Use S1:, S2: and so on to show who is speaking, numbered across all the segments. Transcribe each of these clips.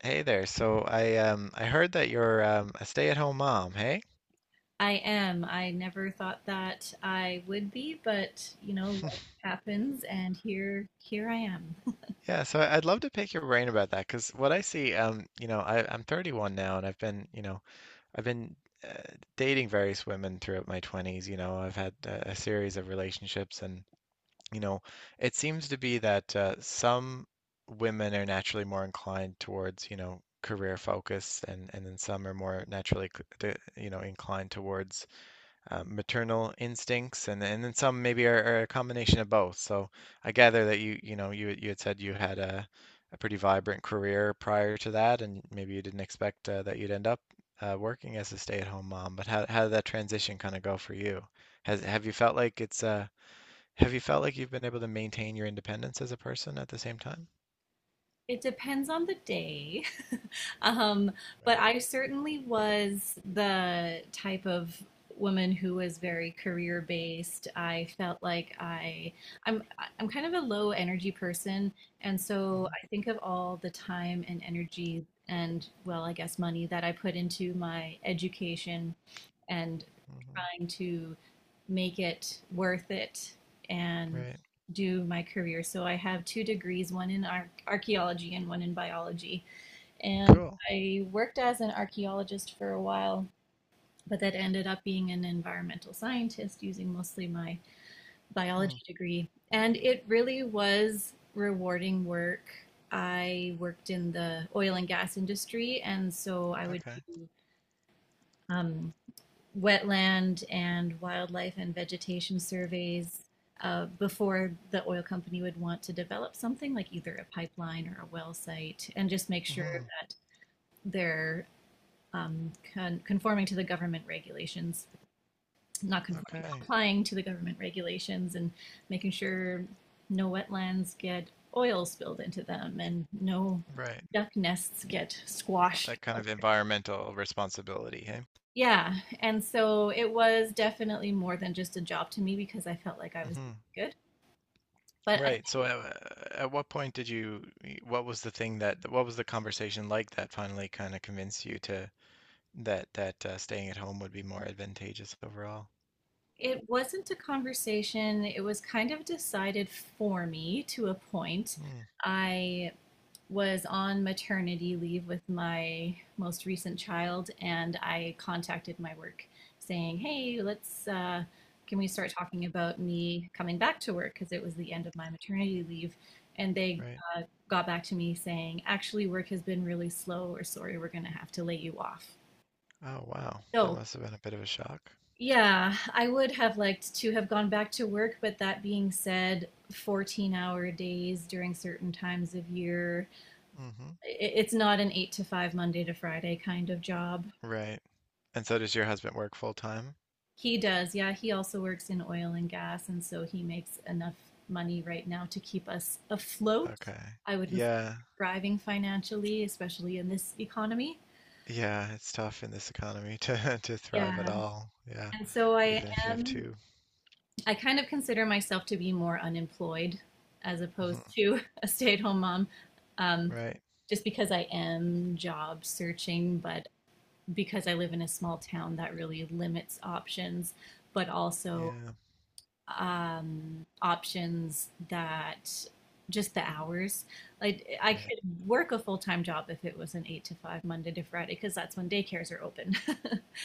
S1: Hey there. So I heard that you're a stay-at-home mom, hey?
S2: I am. I never thought that I would be, but you know, life happens and here I am.
S1: Yeah, so I'd love to pick your brain about that because what I see, I'm 31 now and I've been, I've been uh, dating various women throughout my 20s. You know, I've had a series of relationships and, you know, it seems to be that some women are naturally more inclined towards, career focus and then some are more naturally, inclined towards maternal instincts, and then some maybe are a combination of both. So I gather that you had said you had a pretty vibrant career prior to that, and maybe you didn't expect that you'd end up working as a stay-at-home mom. But how did that transition kind of go for you? Has have you felt like it's have you felt like you've been able to maintain your independence as a person at the same time?
S2: It depends on the day. Um, but
S1: Right.
S2: I certainly was the type of woman who was very career based. I felt like I'm I'm kind of a low energy person, and so
S1: Hmm.
S2: I think of all the time and energy and, well, I guess money that I put into my education and
S1: Hmm.
S2: trying to make it worth it and
S1: Right.
S2: do my career. So I have two degrees, one in archaeology and one in biology. And
S1: Cool.
S2: I worked as an archaeologist for a while, but that ended up being an environmental scientist using mostly my biology
S1: Hmm.
S2: degree. And it really was rewarding work. I worked in the oil and gas industry, and so I would
S1: Okay.
S2: do um, wetland and wildlife and vegetation surveys before the oil company would want to develop something like either a pipeline or a well site, and just make sure
S1: Hmm.
S2: that they're conforming to the government regulations, not conforming,
S1: Okay.
S2: complying to the government regulations, and making sure no wetlands get oil spilled into them and no
S1: Right.
S2: duck nests get squashed
S1: That kind
S2: while.
S1: of environmental responsibility, hey?
S2: Yeah, and so it was definitely more than just a job to me, because I felt like I was
S1: Hmm.
S2: doing good. But I
S1: Right.
S2: think
S1: So, at what point did you? What was the thing that? What was the conversation like that finally kind of convinced you to that that staying at home would be more advantageous overall?
S2: it wasn't a conversation. It was kind of decided for me to a point.
S1: Mm,
S2: I was on maternity leave with my most recent child, and I contacted my work saying, "Hey, let's can we start talking about me coming back to work, because it was the end of my maternity leave," and they
S1: right.
S2: uh, got back to me saying, "Actually, work has been really slow. Or sorry, we're going to have to lay you off."
S1: Oh, wow. That
S2: So.
S1: must have been a bit of a shock.
S2: Yeah, I would have liked to have gone back to work, but that being said, 14-hour days during certain times of year,
S1: Hmm.
S2: it's not an eight to five Monday to Friday kind of job.
S1: Right. And so does your husband work full time?
S2: He does, yeah. He also works in oil and gas, and so he makes enough money right now to keep us afloat.
S1: Okay.
S2: I wouldn't say
S1: Yeah.
S2: thriving financially, especially in this economy.
S1: Yeah, it's tough in this economy to to thrive at
S2: Yeah.
S1: all. Yeah.
S2: And so
S1: Even if you have
S2: am,
S1: two.
S2: I kind of consider myself to be more unemployed as opposed
S1: Hmm.
S2: to a stay-at-home mom, um,
S1: Right.
S2: just because I am job searching, but because I live in a small town that really limits options, but also
S1: Yeah.
S2: options that just the hours. I
S1: Right.
S2: could work a full time job if it was an eight to five Monday to Friday, because that's when daycares are open.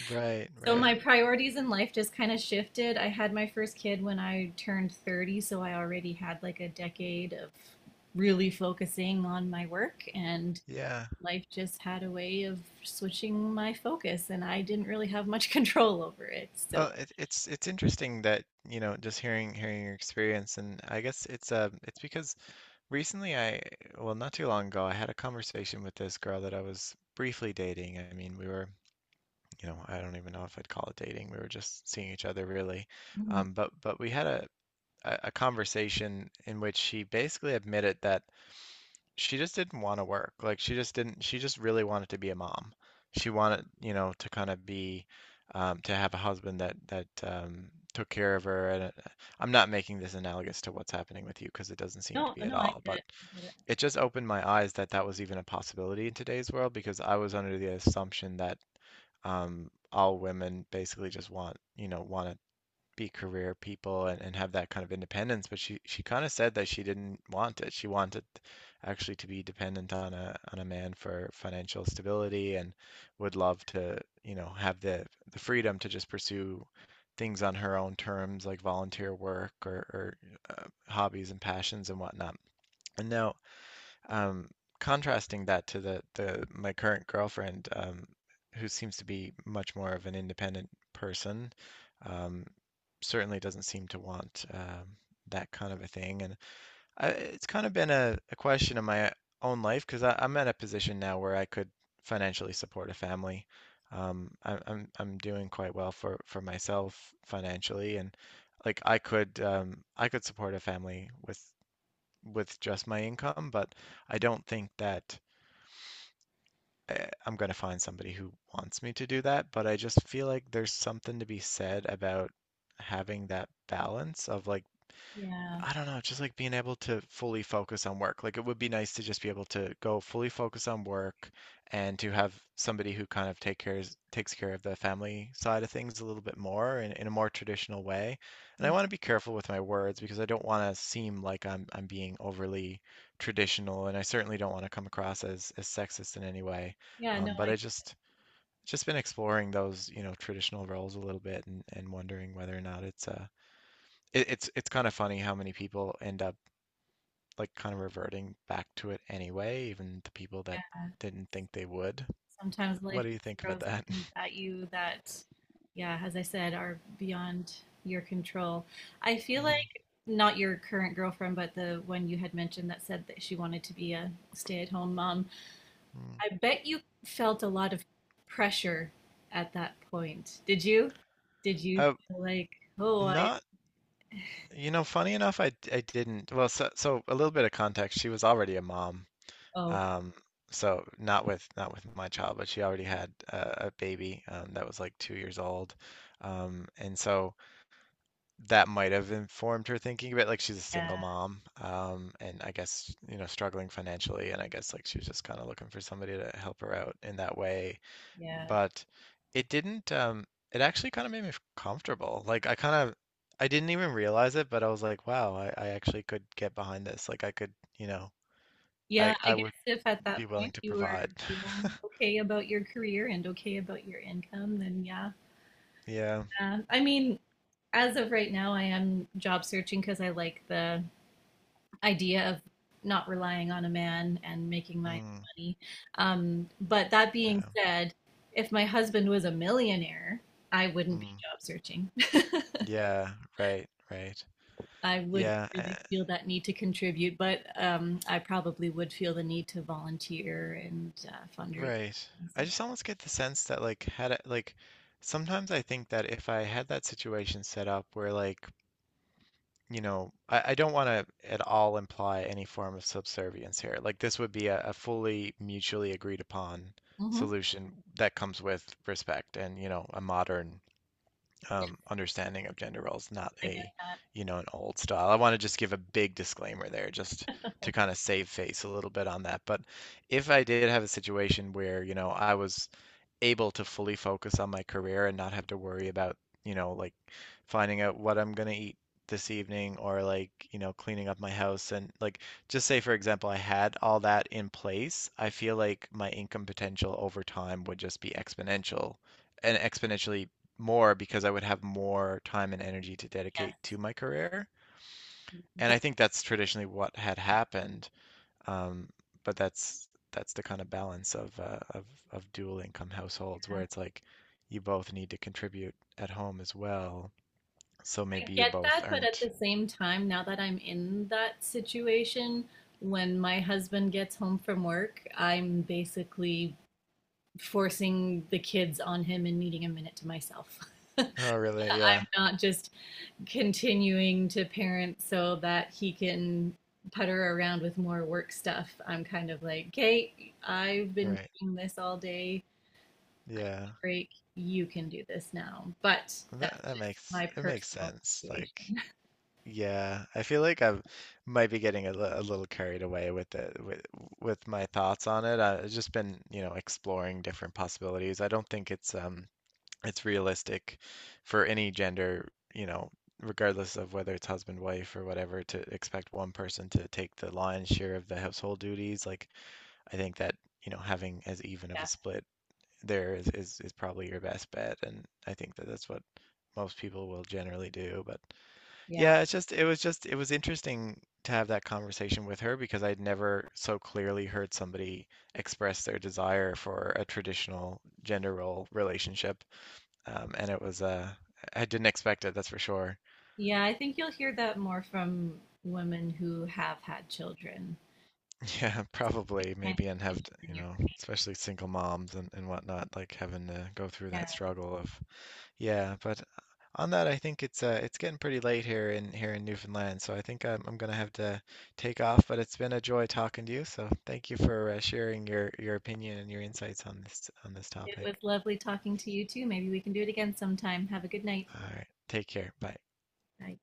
S1: Right.
S2: So my
S1: Right.
S2: priorities in life just kind of shifted. I had my first kid when I turned 30, so I already had like a decade of really focusing on my work, and
S1: Yeah.
S2: life just had a way of switching my focus and I didn't really have much control over it. So.
S1: Well, it's interesting that you know just hearing hearing your experience, and I guess it's because recently I well not too long ago I had a conversation with this girl that I was briefly dating. I mean we were I don't even know if I'd call it dating. We were just seeing each other really,
S2: Mhm.
S1: but we had a conversation in which she basically admitted that she just didn't want to work. Like she just didn't, she just really wanted to be a mom. She wanted, to kind of be, to have a husband that took care of her. And I'm not making this analogous to what's happening with you because it doesn't seem to
S2: No,
S1: be at
S2: no, I
S1: all.
S2: get
S1: But
S2: it. I get it.
S1: it just opened my eyes that that was even a possibility in today's world because I was under the assumption that all women basically just want, want to be career people and have that kind of independence, but she kind of said that she didn't want it. She wanted actually to be dependent on a man for financial stability and would love to, have the freedom to just pursue things on her own terms, like volunteer work or, hobbies and passions and whatnot. And now um, contrasting that to the my current girlfriend, who seems to be much more of an independent person, um, certainly doesn't seem to want that kind of a thing. And it's kind of been a question in my own life because I'm at a position now where I could financially support a family. I'm doing quite well for myself financially, and like I could support a family with just my income, but I don't think that I'm going to find somebody who wants me to do that. But I just feel like there's something to be said about having that balance of like,
S2: Yeah.
S1: I don't know, just like being able to fully focus on work. Like it would be nice to just be able to go fully focus on work and to have somebody who kind of takes care of the family side of things a little bit more in a more traditional way. And I
S2: Yeah.
S1: want to be careful with my words because I don't want to seem like I'm being overly traditional and I certainly don't want to come across as sexist in any way.
S2: Yeah. No,
S1: But
S2: I
S1: I just been exploring those, traditional roles a little bit and wondering whether or not it, it's kind of funny how many people end up like kind of reverting back to it anyway, even the people that didn't think they would.
S2: sometimes life
S1: What do you
S2: just
S1: think about
S2: throws
S1: that?
S2: things at you that, yeah, as I said, are beyond your control. I feel like
S1: Mm,
S2: not your current girlfriend, but the one you had mentioned that said that she wanted to be a stay-at-home mom.
S1: mm.
S2: I bet you felt a lot of pressure at that point. Did you? Did you
S1: Uh,
S2: feel like, oh,
S1: not, you know, funny enough, I didn't. Well, so a little bit of context. She was already a mom.
S2: oh,
S1: Um, so not with not with my child, but she already had a baby that was like 2 years old. And so that might have informed her thinking of it. Like she's a
S2: yeah,
S1: single mom, and I guess, you know, struggling financially, and I guess like she was just kind of looking for somebody to help her out in that way.
S2: yeah.
S1: But it didn't, it actually kind of made me comfortable. Like I kind of, I didn't even realize it, but I was like, wow, I actually could get behind this. Like I could, you know,
S2: Yeah, I
S1: I would
S2: guess if at
S1: be
S2: that
S1: willing
S2: point
S1: to
S2: you were
S1: provide.
S2: feeling okay about your career and okay about your income, then yeah.
S1: Yeah.
S2: I mean, as of right now, I am job searching because I like the idea of not relying on a man and making my
S1: Mm,
S2: own money. But that being
S1: yeah.
S2: said, if my husband was a millionaire, I wouldn't be
S1: Mm,
S2: job searching.
S1: yeah. Right. Right.
S2: I wouldn't
S1: Yeah.
S2: really feel that need to contribute, but I probably would feel the need to volunteer and fundraise.
S1: Right. I just almost get the sense that like had I, like sometimes I think that if I had that situation set up where like, you know, I don't want to at all imply any form of subservience here. Like this would be a fully mutually agreed upon
S2: Hmm.
S1: solution that comes with respect and, you know, a modern understanding of gender roles, not
S2: I get that.
S1: you know, an old style. I want to just give a big disclaimer there just to kind of save face a little bit on that. But if I did have a situation where, you know, I was able to fully focus on my career and not have to worry about, you know, like finding out what I'm gonna eat this evening or like, you know, cleaning up my house and like just say for example I had all that in place, I feel like my income potential over time would just be exponential and exponentially more because I would have more time and energy to
S2: Yes,
S1: dedicate to my career. And
S2: that-
S1: I think that's traditionally what had happened. Um, but that's the kind of balance of of dual income households where it's like you both need to contribute at home as well. So
S2: I
S1: maybe you
S2: get
S1: both
S2: that. But at
S1: aren't.
S2: the same time, now that I'm in that situation, when my husband gets home from work, I'm basically forcing the kids on him and needing a minute to myself.
S1: Oh, really? Yeah.
S2: I'm not just continuing to parent so that he can putter around with more work stuff. I'm kind of like, Kate, okay, I've been
S1: Right.
S2: doing this all day.
S1: Yeah.
S2: Break, you can do this now. But
S1: That
S2: that's
S1: that
S2: just
S1: makes
S2: my
S1: it makes
S2: personal
S1: sense. Like,
S2: situation.
S1: yeah, I feel like I might be getting a little carried away with it with my thoughts on it. I've just been, you know, exploring different possibilities. I don't think it's realistic for any gender, you know, regardless of whether it's husband, wife, or whatever, to expect one person to take the lion's share of the household duties. Like, I think that, you know, having as even of
S2: Yeah,
S1: a split there is probably your best bet. And I think that that's what most people will generally do. But
S2: yeah.
S1: yeah, it's just, it was interesting to have that conversation with her because I'd never so clearly heard somebody express their desire for a traditional gender role relationship and it was I didn't expect it, that's for sure.
S2: Yeah, I think you'll hear that more from women who have had children.
S1: Yeah,
S2: It
S1: probably
S2: kind
S1: maybe and
S2: of
S1: have
S2: changes
S1: to,
S2: in
S1: you
S2: your.
S1: know, especially single moms and whatnot, like having to go through
S2: Yeah.
S1: that struggle of yeah, but on that I think it's getting pretty late here in Newfoundland, so I think I'm gonna have to take off, but it's been a joy talking to you, so thank you for sharing your opinion and your insights on this
S2: It
S1: topic.
S2: was lovely talking to you too. Maybe we can do it again sometime. Have a good night.
S1: All right, take care. Bye.
S2: Bye.